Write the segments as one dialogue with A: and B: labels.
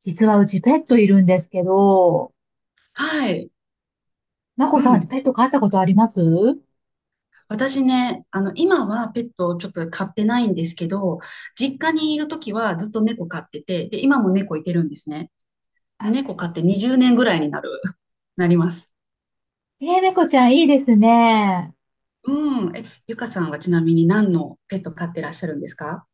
A: 実はうちペットいるんですけど、
B: はい。
A: まこ
B: う
A: さん
B: ん。
A: ペット飼ったことあります？
B: 私ね、今はペットをちょっと飼ってないんですけど、実家にいるときはずっと猫飼ってて、で、今も猫いてるんですね。
A: あ、
B: 猫飼って20年ぐらいになります。
A: ええ、猫ちゃんいいですね。
B: うん。え、ゆかさんはちなみに何のペット飼ってらっしゃるんですか？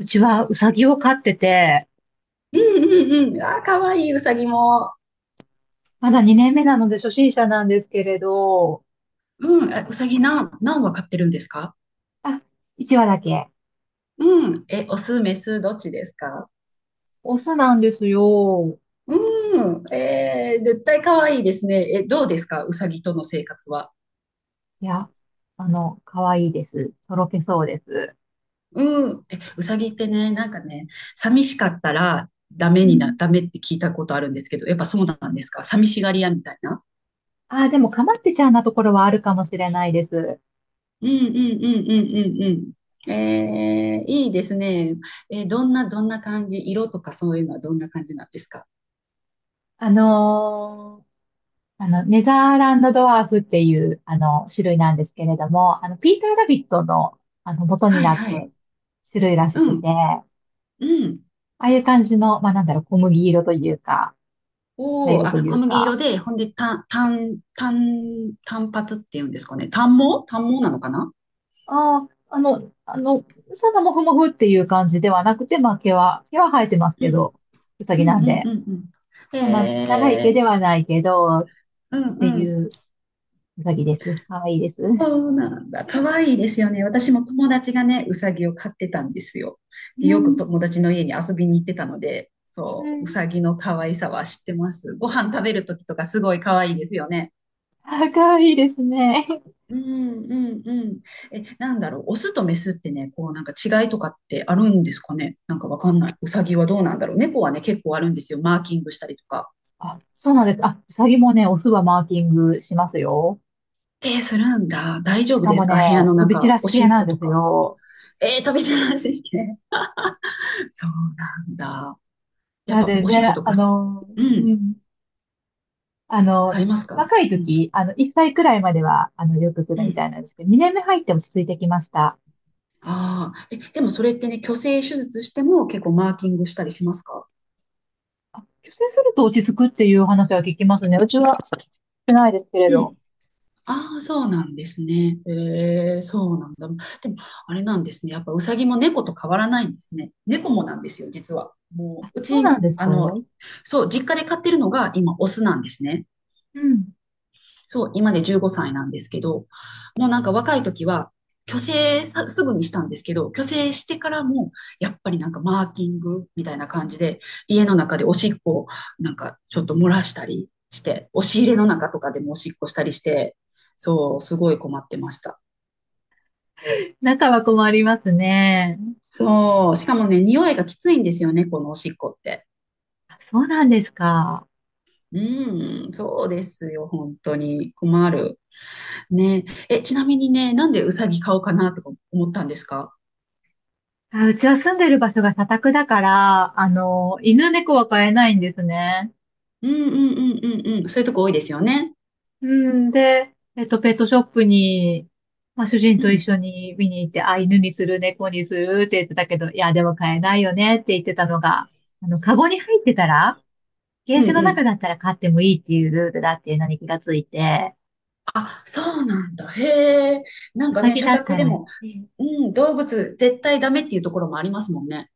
A: うちはうさぎを飼ってて、
B: うんうんうん。あー、かわいい、うさぎも。
A: まだ2年目なので初心者なんですけれど、
B: うん。えうさぎ何羽飼ってるんですか？
A: あ、1羽だけ。
B: うん。え、オス、メス、どっちですか？
A: オスなんですよ。
B: うん。えー、絶対かわいいですね。どうですかうさぎとの生活は。
A: いや、可愛いいです。とろけそうです。
B: うん。え、うさぎってね、なんかね、寂しかったら
A: うん。
B: ダメって聞いたことあるんですけど、やっぱそうなんですか？寂しがり屋みたいな。
A: あ、でもかまってちゃんなところはあるかもしれないです。
B: うんうんうんうんうんうん。えー、いいですね。えーどんな感じ、色とかそういうのはどんな感じなんですか？
A: あのーネザーランドドワーフっていう、種類なんですけれども、ピーター・ラビットの、元に
B: はい
A: なった
B: はい。
A: 種類らし
B: う
A: く
B: ん。
A: て、あ
B: うん。
A: あいう感じの、まあ、なんだろう、小麦色というか、茶
B: おお、
A: 色と
B: あ、
A: い
B: 小
A: う
B: 麦色
A: か、
B: で、ほんで、単発っていうんですかね。単毛なのかな？
A: ああ、そんなもふもふっていう感じではなくて、まあ、毛は生えてます
B: う
A: け
B: ん
A: ど、うさぎ
B: うん
A: なん
B: うん
A: で、
B: うんうん。
A: そんな長い
B: え
A: 毛
B: ー、
A: ではないけど、っ
B: う
A: て
B: んう
A: い
B: ん。
A: ううさぎです。かわいいです。う
B: そうなんだ。可愛いいですよね。私も友達がね、うさぎを飼ってたんですよ。で、よ
A: ん。
B: く友達の家に遊びに行ってたので、
A: う
B: そう、う
A: ん。
B: さぎの可愛さは知ってます。ご飯食べるときとかすごい可愛いですよね。
A: あ、かわいいですね。
B: うんうんうん。え、なんだろう。オスとメスってね、こうなんか違いとかってあるんですかね。なんかわかんない。うさぎはどうなんだろう。猫はね、結構あるんですよ。マーキングしたりとか。
A: あ、そうなんです。あ、うさぎもね、オスはマーキングしますよ。
B: えーするんだ。大
A: し
B: 丈夫
A: か
B: で
A: も
B: すか？部屋
A: ね、
B: の
A: 飛び散
B: 中。
A: らし
B: おし
A: 系
B: っ
A: なん
B: こ
A: で
B: と
A: す
B: か。
A: よ。
B: えー、飛び出してて。そうなんだ。やっ
A: なん
B: ぱ
A: で
B: おしっこ
A: ね、
B: と
A: あ
B: かす
A: の、
B: う
A: う
B: ん。
A: ん、あ
B: さ
A: の、
B: れますか？
A: 若い
B: うん。
A: 時、1歳くらいまでは、よくす
B: う
A: るみた
B: ん。
A: いなんですけど、2年目入って落ち着いてきました。
B: ああ、え、でもそれってね、去勢手術しても結構マーキングしたりしますか？
A: あ、出世すると落ち着くっていう話は聞きますね。うちは、少ないですけれ
B: う
A: ど。
B: ん。ああ、そうなんですね。ええ、そうなんだ。でも、あれなんですね。やっぱウサギも猫と変わらないんですね。猫もなんですよ、実は。も
A: あ、
B: う、う
A: そうな
B: ち、
A: んですか？う
B: そう、実家で飼ってるのが今、オスなんですね。
A: ん。
B: そう、今で15歳なんですけど、もうなんか若い時は、去勢さすぐにしたんですけど、去勢してからも、やっぱりなんかマーキングみたいな感じで、家の中でおしっこをなんかちょっと漏らしたりして、押し入れの中とかでもおしっこしたりして、そう、すごい困ってました。
A: 仲は困りますね。
B: そう、しかもね、匂いがきついんですよね、このおしっこって。
A: あ、そうなんですか？
B: うん、そうですよ、本当に。困る。ねえ、ちなみにね、なんでうさぎ買おうかなとか思ったんですか？
A: あ、うちは住んでる場所が社宅だから、
B: う
A: 犬
B: ん
A: 猫は飼えないんですね。
B: うんうんうんうんうん。そういうとこ多いですよね。
A: うん。で、ペットショップに、まあ、主人
B: う
A: と一
B: ん。
A: 緒に見に行って、あ、犬にする、猫にするって言ってたけど、いや、でも飼えないよねって言ってたのが、カゴに入ってたら、ケ
B: う
A: ー
B: ん
A: ジの
B: う
A: 中
B: ん。
A: だったら飼ってもいいっていうルールだっていうのに気がついて、
B: あ、そうなんだ。へえ。なん
A: ウ
B: か
A: サ
B: ね、
A: ギ
B: 社
A: だっ
B: 宅
A: た
B: で
A: ら、
B: も、うん、動物絶対ダメっていうところもありますもんね。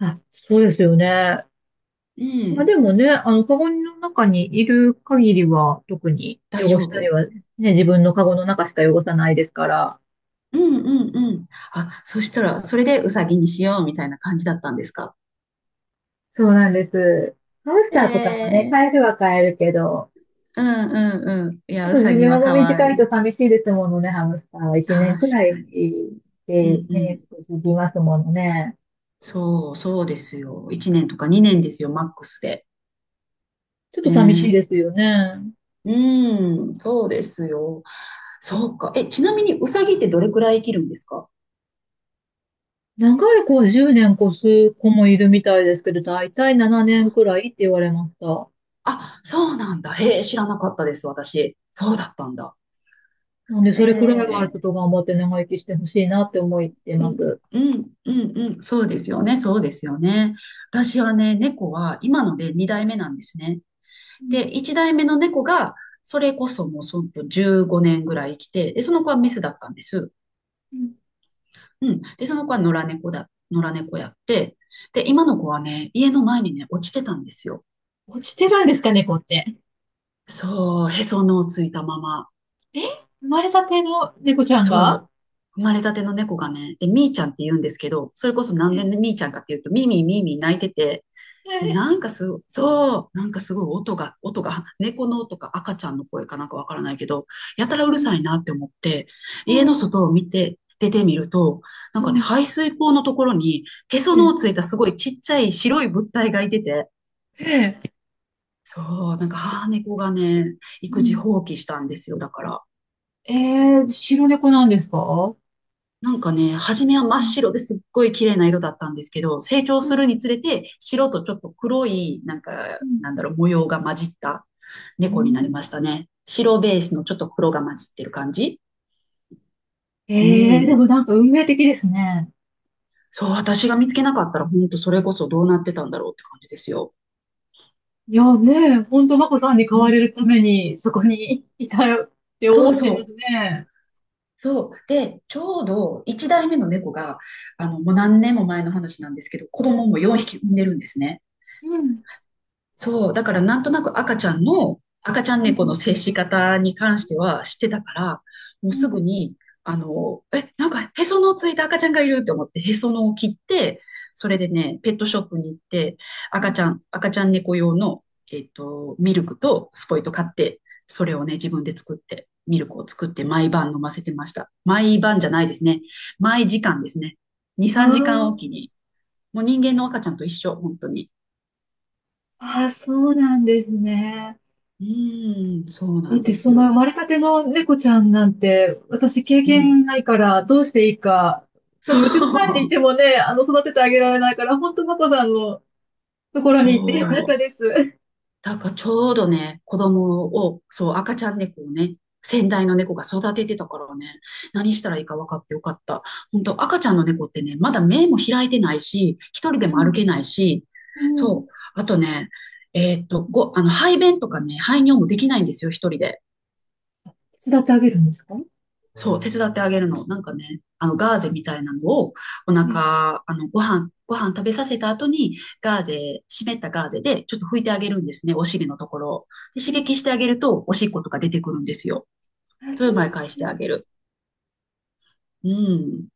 A: あ、そうですよね。
B: う
A: まあ
B: ん。
A: でもね、カゴの中にいる限りは、特に
B: 大
A: 汚
B: 丈
A: したり
B: 夫。
A: は、ね、自分のカゴの中しか汚さないですから。
B: うんうんうん。あ、そしたら、それでウサギにしようみたいな感じだったんですか？
A: そうなんです。ハムス
B: え
A: ターとかもね、飼え
B: え。
A: るは飼えるけど、
B: うんうんうん。い
A: ちょっ
B: や、ウ
A: と寿
B: サ
A: 命
B: ギは
A: が
B: 可愛
A: 短い
B: い。
A: と寂しいですものね、ハムスターは。1年
B: 確
A: くら
B: か
A: い
B: に。う
A: で
B: んう
A: ね、
B: ん。
A: 続きますものね。
B: そう、そうですよ。1年とか2年ですよ、マックスで。
A: ちょっと寂しい
B: ね。
A: ですよね。
B: うん、そうですよ。そうか。え、ちなみにウサギってどれくらい生きるんですか？
A: 長い子は10年越す子もいるみたいですけど、だいたい7年くらいって言われました。
B: あ、そうなんだ。へえ、知らなかったです、私。そうだったんだ。
A: なんで、
B: え
A: それくらいはちょ
B: え、
A: っと頑張って長生きしてほしいなって思って
B: う
A: ま
B: ん、
A: す。
B: うん、うん、うん、そうですよね、そうですよね。私はね、猫は今ので2代目なんですね。
A: うん
B: で、1代目の猫が、それこそもうその15年ぐらい生きて、で、その子はメスだったんです。
A: うん、
B: うん。で、その子は野良猫やって、で、今の子はね、家の前にね、落ちてたんですよ。
A: 落ちてるんですかね、猫って。
B: そう、へその緒をついたまま。
A: え、生まれたての猫ちゃんが？
B: そう。生まれたての猫がね、で、みーちゃんって言うんですけど、それこそなんでみーちゃんかっていうと、みーみーみーみー泣いてて、で、な
A: え、
B: んかすご、そう、なんかすごい音が、猫の音か赤ちゃんの声かなんかわからないけど、やたらう
A: う
B: るさ
A: ん、
B: いなって思って、家
A: う
B: の
A: ん、
B: 外を見て、出てみると、なんか
A: う
B: ね、
A: ん、
B: 排水溝のところに、へそ
A: え、
B: の緒ついたすごいちっちゃい白い物体がいてて、
A: え、
B: そう、なんか母猫がね、
A: う
B: 育児
A: ん。
B: 放棄したんですよ、だから。
A: えー、白猫なんですか？
B: なんかね、初めは真っ
A: うん
B: 白ですっごい綺麗な色だったんですけど、成長
A: うん。
B: するにつれて白とちょっと黒い、なんか、
A: うん
B: なんだろう、模様が混じった
A: う
B: 猫になり
A: ん。
B: ましたね。白ベースのちょっと黒が混じってる感じ。
A: え
B: う
A: ー、で
B: ん。
A: もなんか運命的ですね。
B: そう、私が見つけなかったら、本当それこそどうなってたんだろうって感じですよ。
A: いやね、ほんとマコさんに飼
B: う
A: わ
B: ん。
A: れるためにそこにいたよって
B: そ
A: 思っ
B: う
A: ちゃいます
B: そう。
A: ね。
B: そう。で、ちょうど1代目の猫が、もう何年も前の話なんですけど、子供も4匹産んでるんですね。
A: うん
B: そう、だからなんとなく赤ちゃん
A: う
B: 猫の
A: ん
B: 接し方に関しては知ってたから、もう
A: うん
B: すぐに、なんかへその緒ついた赤ちゃんがいるって思って、へその緒を切って、それでね、ペットショップに行って、
A: うん。
B: 赤ちゃん猫用の、ミルクとスポイト買って、それをね、自分で作って、ミルクを作って毎晩飲ませてました。毎晩じゃないですね。毎時間ですね。2、3時間お
A: あ
B: きに。もう人間の赤ちゃんと一緒、本当に。
A: あ、ああ、そうなんですね。
B: うーん、そう
A: だ
B: な
A: っ
B: ん
A: て、
B: で
A: そ
B: す
A: の生
B: よ。
A: まれたての猫ちゃんなんて、私経
B: うん、
A: 験ないから、どうしていいか。多
B: そ
A: 分、うちの前にい
B: う、
A: てもね、育ててあげられないから、本当マコさんのところに行ってよかっ
B: そ
A: た
B: う。
A: です。
B: だからちょうどね、子供を、そう、赤ちゃん猫をね、先代の猫が育ててたからね、何したらいいか分かってよかった。本当赤ちゃんの猫ってね、まだ目も開いてないし、一人で
A: う
B: も歩
A: ん、
B: けないし、
A: う
B: そ
A: ん。
B: う。あとね、えーっと、ご、あの、排便とかね、排尿もできないんですよ、一人で。
A: 手伝ってあげるんですか
B: そう、手伝ってあげるの。なんかね、ガーゼみたいなのを、お
A: ね？
B: 腹、ご飯食べさせた後に、ガーゼ、湿ったガーゼで、ちょっと拭いてあげるんですね、お尻のところを。で、
A: う
B: 刺
A: ん。
B: 激してあげると、おしっことか出てくるんですよ。
A: あ、
B: それ
A: そ
B: を
A: うな
B: 毎
A: んで
B: 回し
A: す
B: てあ
A: ね。
B: げる。うん。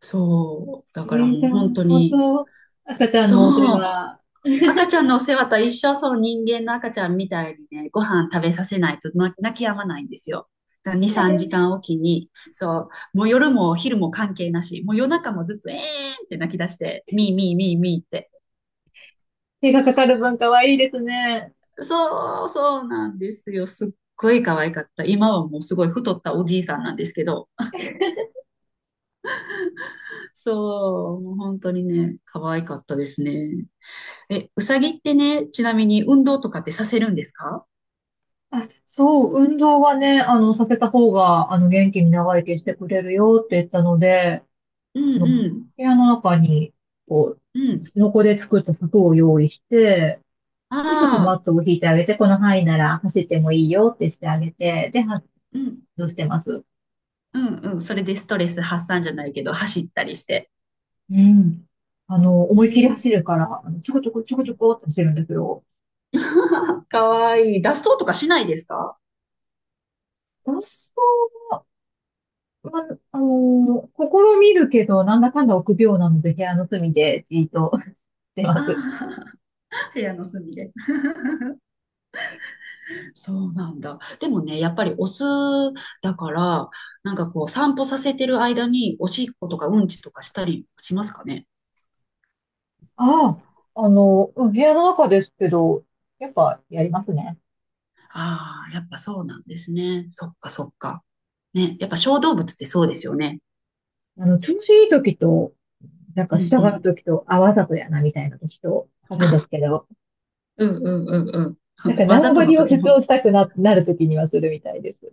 B: そう。だ
A: え
B: からも
A: ー、じ
B: う
A: ゃあ、
B: 本当
A: 本
B: に、
A: 当、赤ちゃん
B: そ
A: のお世
B: う。
A: 話、
B: 赤ちゃんのお世話と一緒、その人間の赤ちゃんみたいにね、ご飯食べさせないとな泣き止まないんですよ。だから2、
A: え
B: 3時間
A: ー、
B: おきに、そう、もう夜も昼も関係なし、もう夜中もずっとえーんって泣き出して、ミーミーミーミーって。
A: 手がかかる分かはいいですね。
B: そう、そうなんですよ。すっごい可愛かった。今はもうすごい太ったおじいさんなんですけど、そう、もう本当にね、可愛かったですね。え、うさぎってね、ちなみに運動とかってさせるんですか？
A: あ、そう、運動はね、させた方が、元気に長生きしてくれるよって言ったので、
B: う
A: あ
B: ん
A: の
B: う
A: 部
B: ん、
A: 屋の中に、こ
B: う
A: う、
B: ん。
A: スノコで作った柵を用意して、
B: あ
A: で、ちょっとマッ
B: あ。
A: トを引いてあげて、この範囲なら走ってもいいよってしてあげて、で、走
B: うん
A: ってます。
B: うんうん。それでストレス発散じゃないけど、走ったりして。
A: うん。
B: う
A: 思いっきり
B: ん。
A: 走るから、ちょこちょこちょこちょこって走るんですよ。
B: かわいい。脱走とかしないですか？
A: 私は、まあの、試みるけど、なんだかんだ臆病なので、部屋の隅でじーっとしてま
B: あ
A: す。
B: あ、部屋の隅で。そうなんだ。でもね、やっぱりオスだから、なんかこう、散歩させてる間に、おしっことかうんちとかしたりしますかね。
A: ああ、うん、部屋の中ですけど、やっぱやりますね。
B: ああ、やっぱそうなんですね。そっかそっか。ね、やっぱ小動物ってそうですよね。
A: 調子いい時と、なん
B: う
A: か
B: ん
A: 従
B: う
A: う
B: ん。
A: 時と、あ、わざとやな、みたいな時と、あるんですけど、
B: うんうんうんうん。
A: なん か
B: わ
A: 縄
B: ざ
A: 張
B: との
A: りを
B: 時
A: 主
B: も
A: 張したくな、なる時にはするみたいです。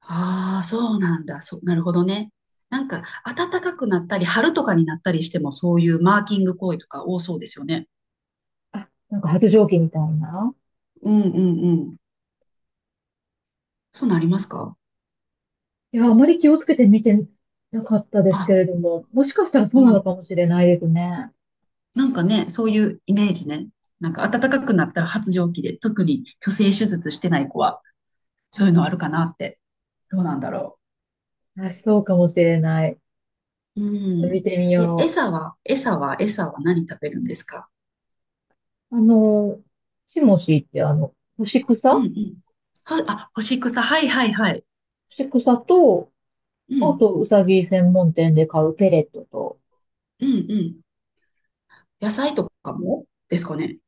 B: ああ、そうなんだ。そう、なるほどね。なんか、暖かくなったり、春とかになったりしても、そういうマーキング行為とか多そうですよね。
A: あ、なんか発情期みたいな。
B: うんうんうん。そうなりますか？
A: いや、あまり気をつけて見てなかったですけ
B: あ、
A: れども、もしかしたらそ
B: う
A: うなの
B: ん。
A: かもしれないですね。
B: なんかね、そういうイメージね。なんか、暖か
A: う
B: くなったら発情期で、特に虚勢手術してない子は、そういうのあるかなって。どうなんだろ
A: ん。あ、そうかもしれない。ち
B: う。う
A: ょっと見
B: ん。
A: てみ
B: え、
A: よ
B: 餌は何食べるんですか？
A: う。チモシーって干し草
B: うんう
A: 干
B: ん。は、あ、干し草。はいはいはい。
A: し草と、
B: う
A: あ
B: ん。
A: と、うさぎ専門店で買うペレットと、
B: うんうん。野菜とかもですかね？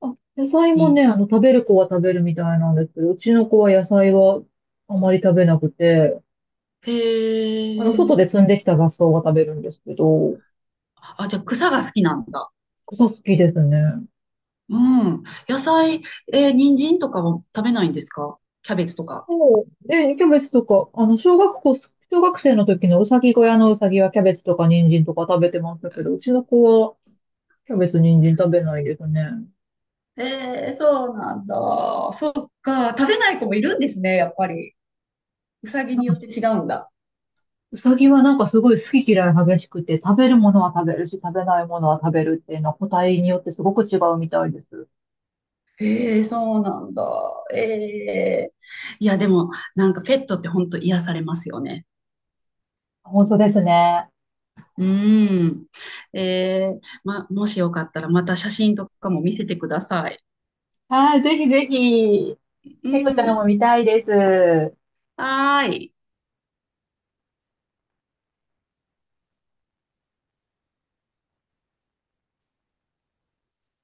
A: あ、野菜もね、
B: に。
A: 食べる子は食べるみたいなんですけど、うちの子は野菜はあまり食べなくて、
B: へ
A: 外で
B: え。
A: 摘んできた雑草は食べるんですけど、
B: あ、じゃあ草が好きなんだ。
A: 草好きですね。
B: うん。野菜、えー人参とかは食べないんですか？キャベツとか。
A: そう。で、キャベツとか、小学生の時のうさぎ小屋のうさぎはキャベツとか人参とか食べてましたけど、うちの子はキャベツ、人参食べないですね。
B: えー、そうなんだ。そっか。食べない子もいるんですね、やっぱり。うさぎによって違うんだ。
A: うさぎはなんかすごい好き嫌い激しくて、食べるものは食べるし、食べないものは食べるっていうのは個体によってすごく違うみたいです。
B: えー、そうなんだ。えー、いや、でも、なんかペットって本当癒されますよね。
A: 本当ですね。
B: うん。えー、ま、もしよかったらまた写真とかも見せてください。
A: はい、ぜひぜひ、
B: う
A: 猫ちゃん
B: ん。
A: も見たいです。
B: はーい。